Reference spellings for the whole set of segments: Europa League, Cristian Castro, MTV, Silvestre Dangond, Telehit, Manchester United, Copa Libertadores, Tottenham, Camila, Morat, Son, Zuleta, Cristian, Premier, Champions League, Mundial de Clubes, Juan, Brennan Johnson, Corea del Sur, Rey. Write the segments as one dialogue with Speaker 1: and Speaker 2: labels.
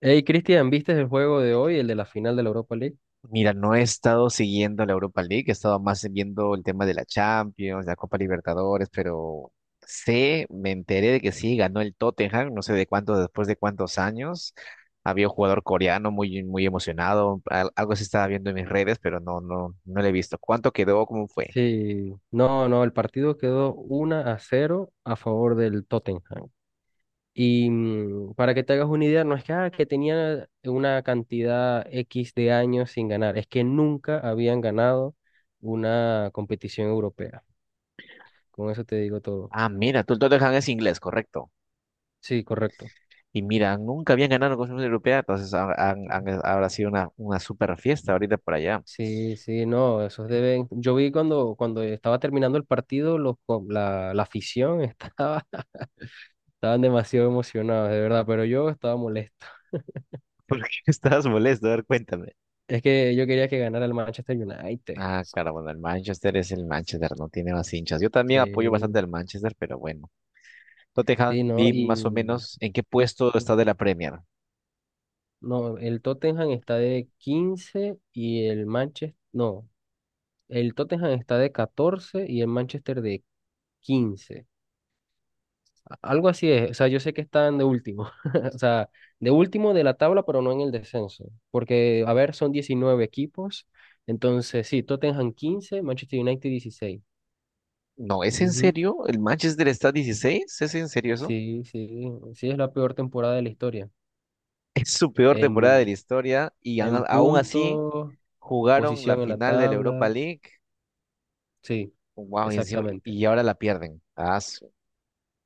Speaker 1: Hey, Cristian, ¿viste el juego de hoy, el de la final de la Europa League?
Speaker 2: Mira, no he estado siguiendo la Europa League, he estado más viendo el tema de la Champions, la Copa Libertadores, pero sé, me enteré de que sí, ganó el Tottenham, no sé de cuántos, después de cuántos años. Había un jugador coreano muy, muy emocionado, algo se estaba viendo en mis redes, pero no, no, no lo he visto. ¿Cuánto quedó? ¿Cómo fue?
Speaker 1: Sí, no, no, el partido quedó 1-0 a favor del Tottenham. Y para que te hagas una idea, no es que, que tenían una cantidad X de años sin ganar, es que nunca habían ganado una competición europea. Con eso te digo todo.
Speaker 2: Ah, mira, tú el Tottenham es inglés, correcto.
Speaker 1: Sí, correcto.
Speaker 2: Y mira, nunca habían ganado con una Europea, entonces habrá sido una super fiesta ahorita por allá.
Speaker 1: Sí, sí, no, esos deben. Yo vi cuando estaba terminando el partido, la afición estaban demasiado emocionados, de verdad, pero yo estaba molesto.
Speaker 2: ¿Por qué estabas molesto? A ver, cuéntame.
Speaker 1: Es que yo quería que ganara el Manchester United.
Speaker 2: Ah, claro, bueno, el Manchester es el Manchester, no tiene más hinchas. Yo también apoyo bastante
Speaker 1: Sí,
Speaker 2: al Manchester, pero bueno. Tottenham,
Speaker 1: sí, no,
Speaker 2: vi más o
Speaker 1: y
Speaker 2: menos en qué puesto está de la Premier.
Speaker 1: no, el Tottenham está de 15 y el Manchester, no, el Tottenham está de 14 y el Manchester de 15. Algo así es, o sea, yo sé que están de último, o sea, de último de la tabla, pero no en el descenso, porque, a ver, son 19 equipos, entonces sí, Tottenham 15 Manchester United 16.
Speaker 2: No, ¿es en serio? ¿El Manchester está 16? ¿Es en serio eso?
Speaker 1: Sí, sí, sí es la peor temporada de la historia.
Speaker 2: Es su peor temporada de la
Speaker 1: En,
Speaker 2: historia y
Speaker 1: en
Speaker 2: aún así
Speaker 1: puntos,
Speaker 2: jugaron la
Speaker 1: posición en la
Speaker 2: final de la Europa
Speaker 1: tabla,
Speaker 2: League.
Speaker 1: sí,
Speaker 2: Wow, y encima,
Speaker 1: exactamente.
Speaker 2: y ahora la pierden.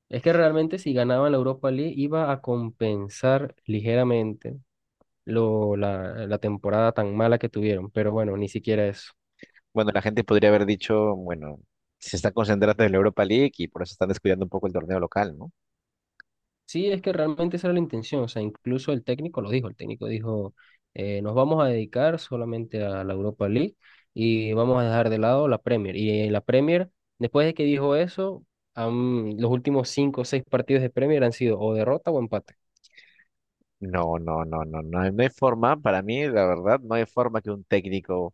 Speaker 1: Es que realmente si ganaban la Europa League iba a compensar ligeramente la temporada tan mala que tuvieron, pero bueno, ni siquiera eso.
Speaker 2: Bueno, la gente podría haber dicho, bueno, se está concentrando en la Europa League y por eso están descuidando un poco el torneo local, ¿no?
Speaker 1: Sí, es que realmente esa era la intención, o sea, incluso el técnico lo dijo, el técnico dijo, nos vamos a dedicar solamente a la Europa League y vamos a dejar de lado la Premier. Y en la Premier, después de que dijo eso, los últimos cinco o seis partidos de Premier han sido o derrota o empate.
Speaker 2: No, no, no, no, no, no hay forma, para mí, la verdad, no hay forma que un técnico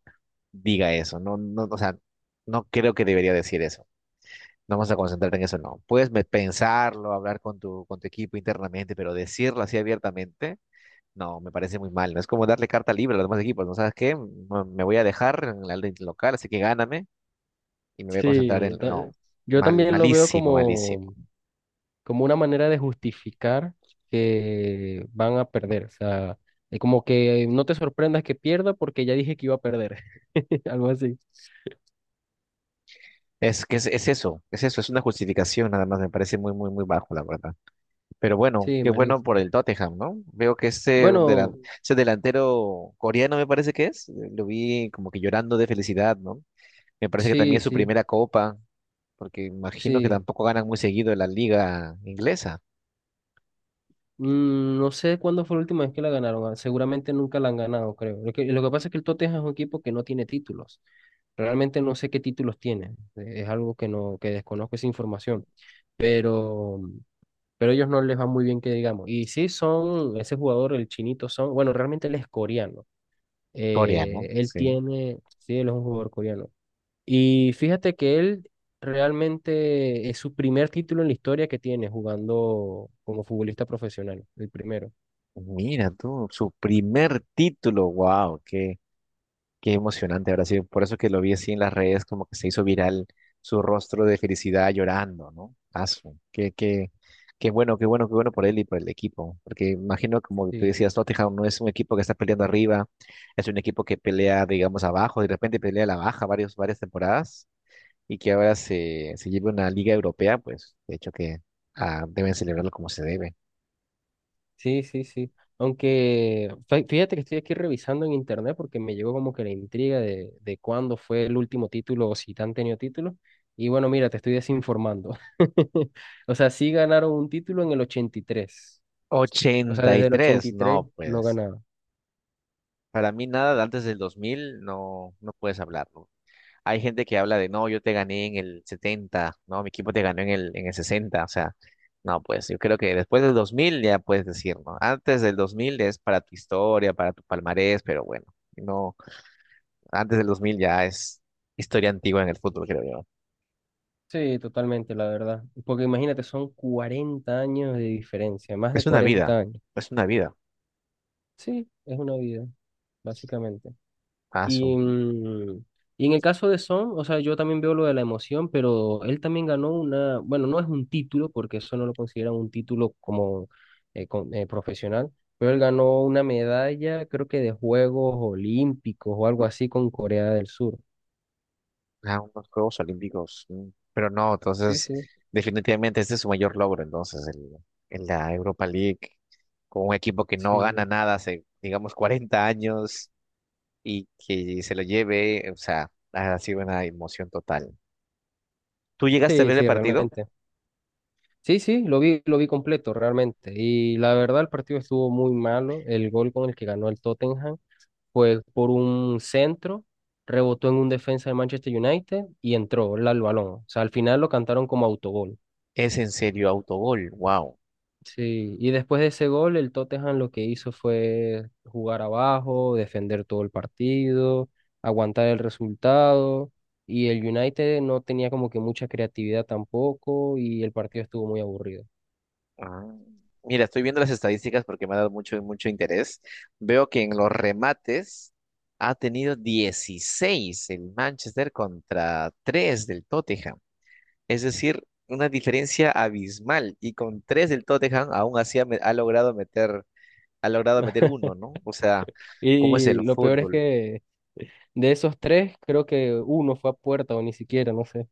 Speaker 2: diga eso, no, no, o sea, no creo que debería decir eso. No vamos a concentrarte en eso, no. Puedes pensarlo, hablar con tu equipo internamente, pero decirlo así abiertamente, no, me parece muy mal. No es como darle carta libre a los demás equipos, ¿no sabes qué? Me voy a dejar en la liga local, así que gáname y me voy a concentrar en...
Speaker 1: Sí.
Speaker 2: No,
Speaker 1: Yo
Speaker 2: Mal,
Speaker 1: también lo veo
Speaker 2: malísimo,
Speaker 1: como,
Speaker 2: malísimo.
Speaker 1: como una manera de justificar que van a perder, o sea, es como que no te sorprendas que pierda porque ya dije que iba a perder, algo así.
Speaker 2: Es que es eso, es eso, es una justificación nada más, me parece muy, muy, muy bajo, la verdad. Pero bueno,
Speaker 1: Sí,
Speaker 2: qué bueno por
Speaker 1: malísimo.
Speaker 2: el Tottenham, ¿no? Veo que ese,
Speaker 1: Bueno,
Speaker 2: delan- ese delantero coreano me parece que es, lo vi como que llorando de felicidad, ¿no? Me parece que también
Speaker 1: sí,
Speaker 2: es su
Speaker 1: sí,
Speaker 2: primera copa, porque imagino que
Speaker 1: sí.
Speaker 2: tampoco ganan muy seguido en la liga inglesa.
Speaker 1: No sé cuándo fue la última vez que la ganaron. Seguramente nunca la han ganado, creo. Lo que pasa es que el Tottenham es un equipo que no tiene títulos. Realmente no sé qué títulos tiene. Es algo que no, que desconozco esa información. Pero, pero ellos no les va muy bien que digamos. Y sí son, ese jugador, el chinito son, bueno, realmente él es coreano.
Speaker 2: Coreano, sí.
Speaker 1: Sí, él es un jugador coreano. Y fíjate que él realmente es su primer título en la historia que tiene jugando como futbolista profesional, el primero.
Speaker 2: Mira tú, su primer título, wow, qué emocionante habrá sido. Por eso que lo vi así en las redes, como que se hizo viral su rostro de felicidad llorando, ¿no? Asu, qué bueno, qué bueno, qué bueno por él y por el equipo. Porque imagino, como tú
Speaker 1: Sí,
Speaker 2: decías, Tottenham no es un equipo que está peleando arriba, es un equipo que pelea, digamos, abajo, de repente pelea a la baja varias temporadas y que ahora se lleve una liga europea, pues de hecho que deben celebrarlo como se debe.
Speaker 1: sí, sí, sí. Aunque fíjate que estoy aquí revisando en internet porque me llegó como que la intriga de cuándo fue el último título o si han tenido título. Y bueno, mira, te estoy desinformando. O sea, sí ganaron un título en el ochenta y tres. O sea, desde el ochenta
Speaker 2: 83,
Speaker 1: y tres
Speaker 2: no,
Speaker 1: no
Speaker 2: pues.
Speaker 1: ganaban.
Speaker 2: Para mí nada de antes del 2000 no puedes hablar. ¿No? Hay gente que habla de, no, yo te gané en el 70, no, mi equipo te ganó en el 60, o sea, no, pues yo creo que después del 2000 ya puedes decir, ¿no? Antes del 2000 es para tu historia, para tu palmarés, pero bueno, no, antes del 2000 ya es historia antigua en el fútbol, creo yo.
Speaker 1: Sí, totalmente, la verdad. Porque imagínate, son 40 años de diferencia, más de
Speaker 2: Es una vida,
Speaker 1: 40 años.
Speaker 2: es una vida.
Speaker 1: Sí, es una vida, básicamente.
Speaker 2: Ah,
Speaker 1: Y,
Speaker 2: son
Speaker 1: mm, y en el caso de Son, o sea, yo también veo lo de la emoción, pero él también ganó una, bueno, no es un título, porque eso no lo consideran un título como profesional, pero él ganó una medalla, creo que de Juegos Olímpicos o algo así con Corea del Sur.
Speaker 2: unos Juegos Olímpicos, pero no,
Speaker 1: Sí,
Speaker 2: entonces,
Speaker 1: sí.
Speaker 2: definitivamente este es su mayor logro, entonces, el, en la Europa League, con un equipo que no
Speaker 1: Sí,
Speaker 2: gana nada hace, digamos, 40 años. Y que se lo lleve, o sea, ha sido una emoción total. ¿Tú llegaste a
Speaker 1: sí,
Speaker 2: ver el
Speaker 1: sí,
Speaker 2: partido?
Speaker 1: realmente. Sí, sí, lo vi completo realmente. Y la verdad, el partido estuvo muy malo. El gol con el que ganó el Tottenham fue por un centro, rebotó en un defensa de Manchester United y entró el al balón. O sea, al final lo cantaron como autogol.
Speaker 2: ¿Es en serio autogol? Wow.
Speaker 1: Sí, y después de ese gol, el Tottenham lo que hizo fue jugar abajo, defender todo el partido, aguantar el resultado. Y el United no tenía como que mucha creatividad tampoco y el partido estuvo muy aburrido.
Speaker 2: Ah, mira, estoy viendo las estadísticas porque me ha dado mucho, mucho interés. Veo que en los remates ha tenido 16 el Manchester contra 3 del Tottenham. Es decir, una diferencia abismal. Y con 3 del Tottenham aún así ha logrado meter uno, ¿no? O sea, ¿cómo es
Speaker 1: Y
Speaker 2: el
Speaker 1: lo peor es
Speaker 2: fútbol?
Speaker 1: que de esos tres, creo que uno fue a puerta o ni siquiera, no sé.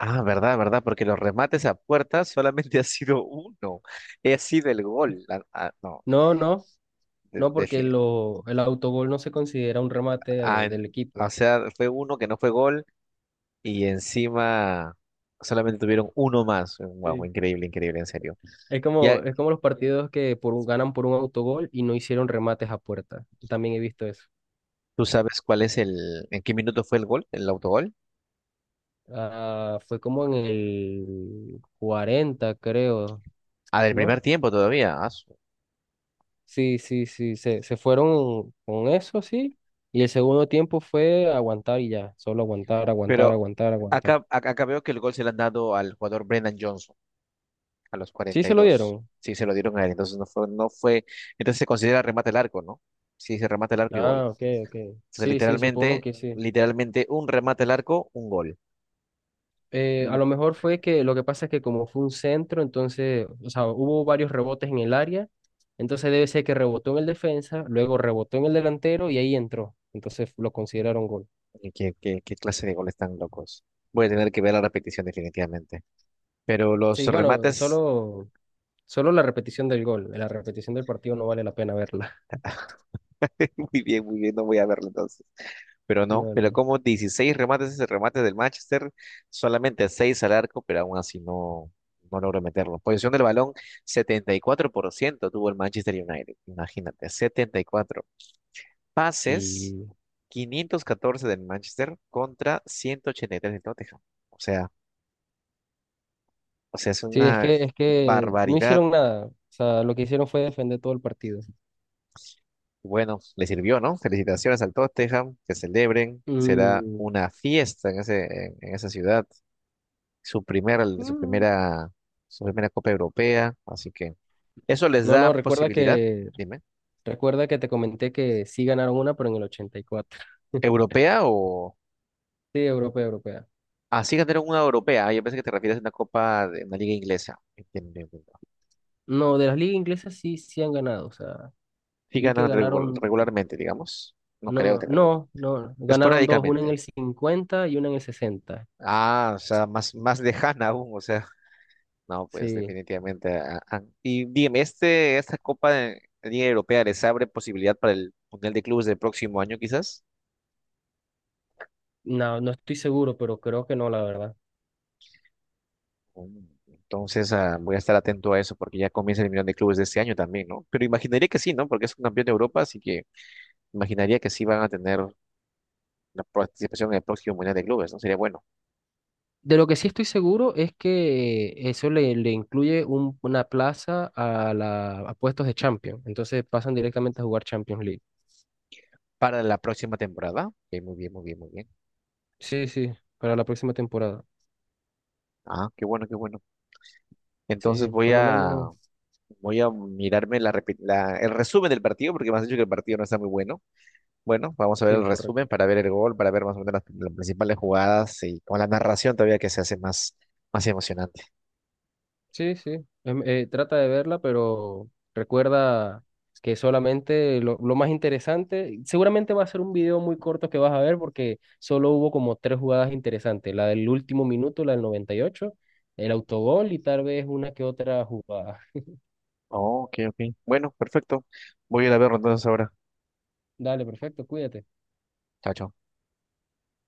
Speaker 2: Ah, verdad, verdad, porque los remates a puerta solamente ha sido uno. Ha sido el gol. No,
Speaker 1: No, no,
Speaker 2: de-
Speaker 1: no, porque
Speaker 2: defi-
Speaker 1: el autogol no se considera un remate
Speaker 2: ah, en-
Speaker 1: del equipo.
Speaker 2: o sea, fue uno que no fue gol y encima solamente tuvieron uno más. Wow,
Speaker 1: Sí.
Speaker 2: increíble, increíble, en serio.
Speaker 1: Es
Speaker 2: Ya
Speaker 1: como, es como los partidos que ganan por un autogol y no hicieron remates a puerta. También he visto eso.
Speaker 2: tú sabes cuál es en qué minuto fue el gol, el autogol.
Speaker 1: Ah, fue como en el 40 creo,
Speaker 2: Ah, del
Speaker 1: ¿no?
Speaker 2: primer tiempo todavía.
Speaker 1: Sí, sí, sí, se fueron con eso, sí. Y el segundo tiempo fue aguantar y ya, solo aguantar,
Speaker 2: Pero
Speaker 1: aguantar, aguantar,
Speaker 2: acá,
Speaker 1: aguantar.
Speaker 2: acá acá veo que el gol se lo han dado al jugador Brennan Johnson. A los
Speaker 1: Sí
Speaker 2: cuarenta y
Speaker 1: se lo
Speaker 2: dos
Speaker 1: dieron.
Speaker 2: Sí, se lo dieron a él. Entonces no fue. Entonces se considera remate al arco, ¿no? Sí, se remate al arco y
Speaker 1: Ah,
Speaker 2: gol.
Speaker 1: ok, ok.
Speaker 2: Entonces,
Speaker 1: Sí, sí, supongo
Speaker 2: literalmente,
Speaker 1: que sí.
Speaker 2: literalmente, un remate al arco, un gol. Mm.
Speaker 1: A lo mejor fue que lo que pasa es que como fue un centro, entonces, o sea, hubo varios rebotes en el área, entonces debe ser que rebotó en el defensa, luego rebotó en el delantero y ahí entró. Entonces lo consideraron gol.
Speaker 2: ¿Qué, qué, qué clase de goles tan locos? Voy a tener que ver la repetición definitivamente. Pero los
Speaker 1: Sí, bueno,
Speaker 2: remates.
Speaker 1: solo la repetición del gol, la repetición del partido no vale la pena verla.
Speaker 2: Muy bien, no voy a verlo entonces. Pero no,
Speaker 1: No,
Speaker 2: pero
Speaker 1: no.
Speaker 2: como 16 remates, ese remate del Manchester, solamente 6 al arco, pero aún así no logró meterlo. Posición del balón, 74% tuvo el Manchester United, imagínate, 74. Pases,
Speaker 1: Sí,
Speaker 2: 514 del Manchester contra 183 del Tottenham. O sea, es
Speaker 1: sí, es
Speaker 2: una
Speaker 1: que, es que no
Speaker 2: barbaridad.
Speaker 1: hicieron nada. O sea, lo que hicieron fue defender todo el partido.
Speaker 2: Bueno, le sirvió, ¿no? Felicitaciones al Tottenham, que celebren, será
Speaker 1: Mm.
Speaker 2: una fiesta en ese, en esa ciudad su primera, su
Speaker 1: Mm.
Speaker 2: primera, su primera Copa Europea, así que eso les
Speaker 1: No,
Speaker 2: da
Speaker 1: no, recuerda
Speaker 2: posibilidad,
Speaker 1: que,
Speaker 2: dime,
Speaker 1: recuerda que te comenté que sí ganaron una, pero en el ochenta y cuatro.
Speaker 2: ¿europea o
Speaker 1: Sí, europea, europea.
Speaker 2: así ganaron una europea? Ah, yo pensé que te refieres a una Copa de una liga inglesa. Bien, bien,
Speaker 1: No, de las ligas inglesas sí, sí han ganado. O sea,
Speaker 2: sí
Speaker 1: vi que
Speaker 2: ganan regu-
Speaker 1: ganaron,
Speaker 2: regularmente, digamos. No creo
Speaker 1: no,
Speaker 2: que
Speaker 1: no, no, ganaron dos, una en
Speaker 2: esporádicamente.
Speaker 1: el 50 y una en el 60.
Speaker 2: Ah, o sea, más lejana aún, o sea, no, pues
Speaker 1: Sí,
Speaker 2: definitivamente. Ah. Y dime, esta Copa de Liga Europea les abre posibilidad para el Mundial de Clubes del próximo año, ¿quizás?
Speaker 1: no, no estoy seguro, pero creo que no, la verdad.
Speaker 2: Mm, Entonces, voy a estar atento a eso porque ya comienza el Millón de Clubes de este año también, ¿no? Pero imaginaría que sí, ¿no? Porque es un campeón de Europa, así que imaginaría que sí van a tener la participación en el próximo Mundial de Clubes, ¿no? Sería bueno.
Speaker 1: De lo que sí estoy seguro es que eso le incluye una plaza a puestos de Champions. Entonces pasan directamente a jugar Champions League.
Speaker 2: Para la próxima temporada. Ok, muy bien, muy bien, muy bien.
Speaker 1: Sí, sí, para la próxima temporada.
Speaker 2: Ah, qué bueno, qué bueno. Entonces
Speaker 1: Sí,
Speaker 2: voy
Speaker 1: por lo
Speaker 2: a,
Speaker 1: menos,
Speaker 2: voy a mirarme el resumen del partido porque me has dicho que el partido no está muy bueno. Bueno, vamos a ver
Speaker 1: sí,
Speaker 2: el
Speaker 1: correcto.
Speaker 2: resumen para ver el gol, para ver más o menos las principales jugadas y con la narración todavía que se hace más emocionante.
Speaker 1: Sí, sí, trata de verla, pero recuerda que solamente lo más interesante, seguramente va a ser un video muy corto que vas a ver porque solo hubo como tres jugadas interesantes, la del último minuto, la del 98, el autogol y tal vez una que otra jugada.
Speaker 2: Oh, ok, ok. Bueno, perfecto. Voy a ir a verlo entonces ahora.
Speaker 1: Dale, perfecto, cuídate.
Speaker 2: Chao, chao.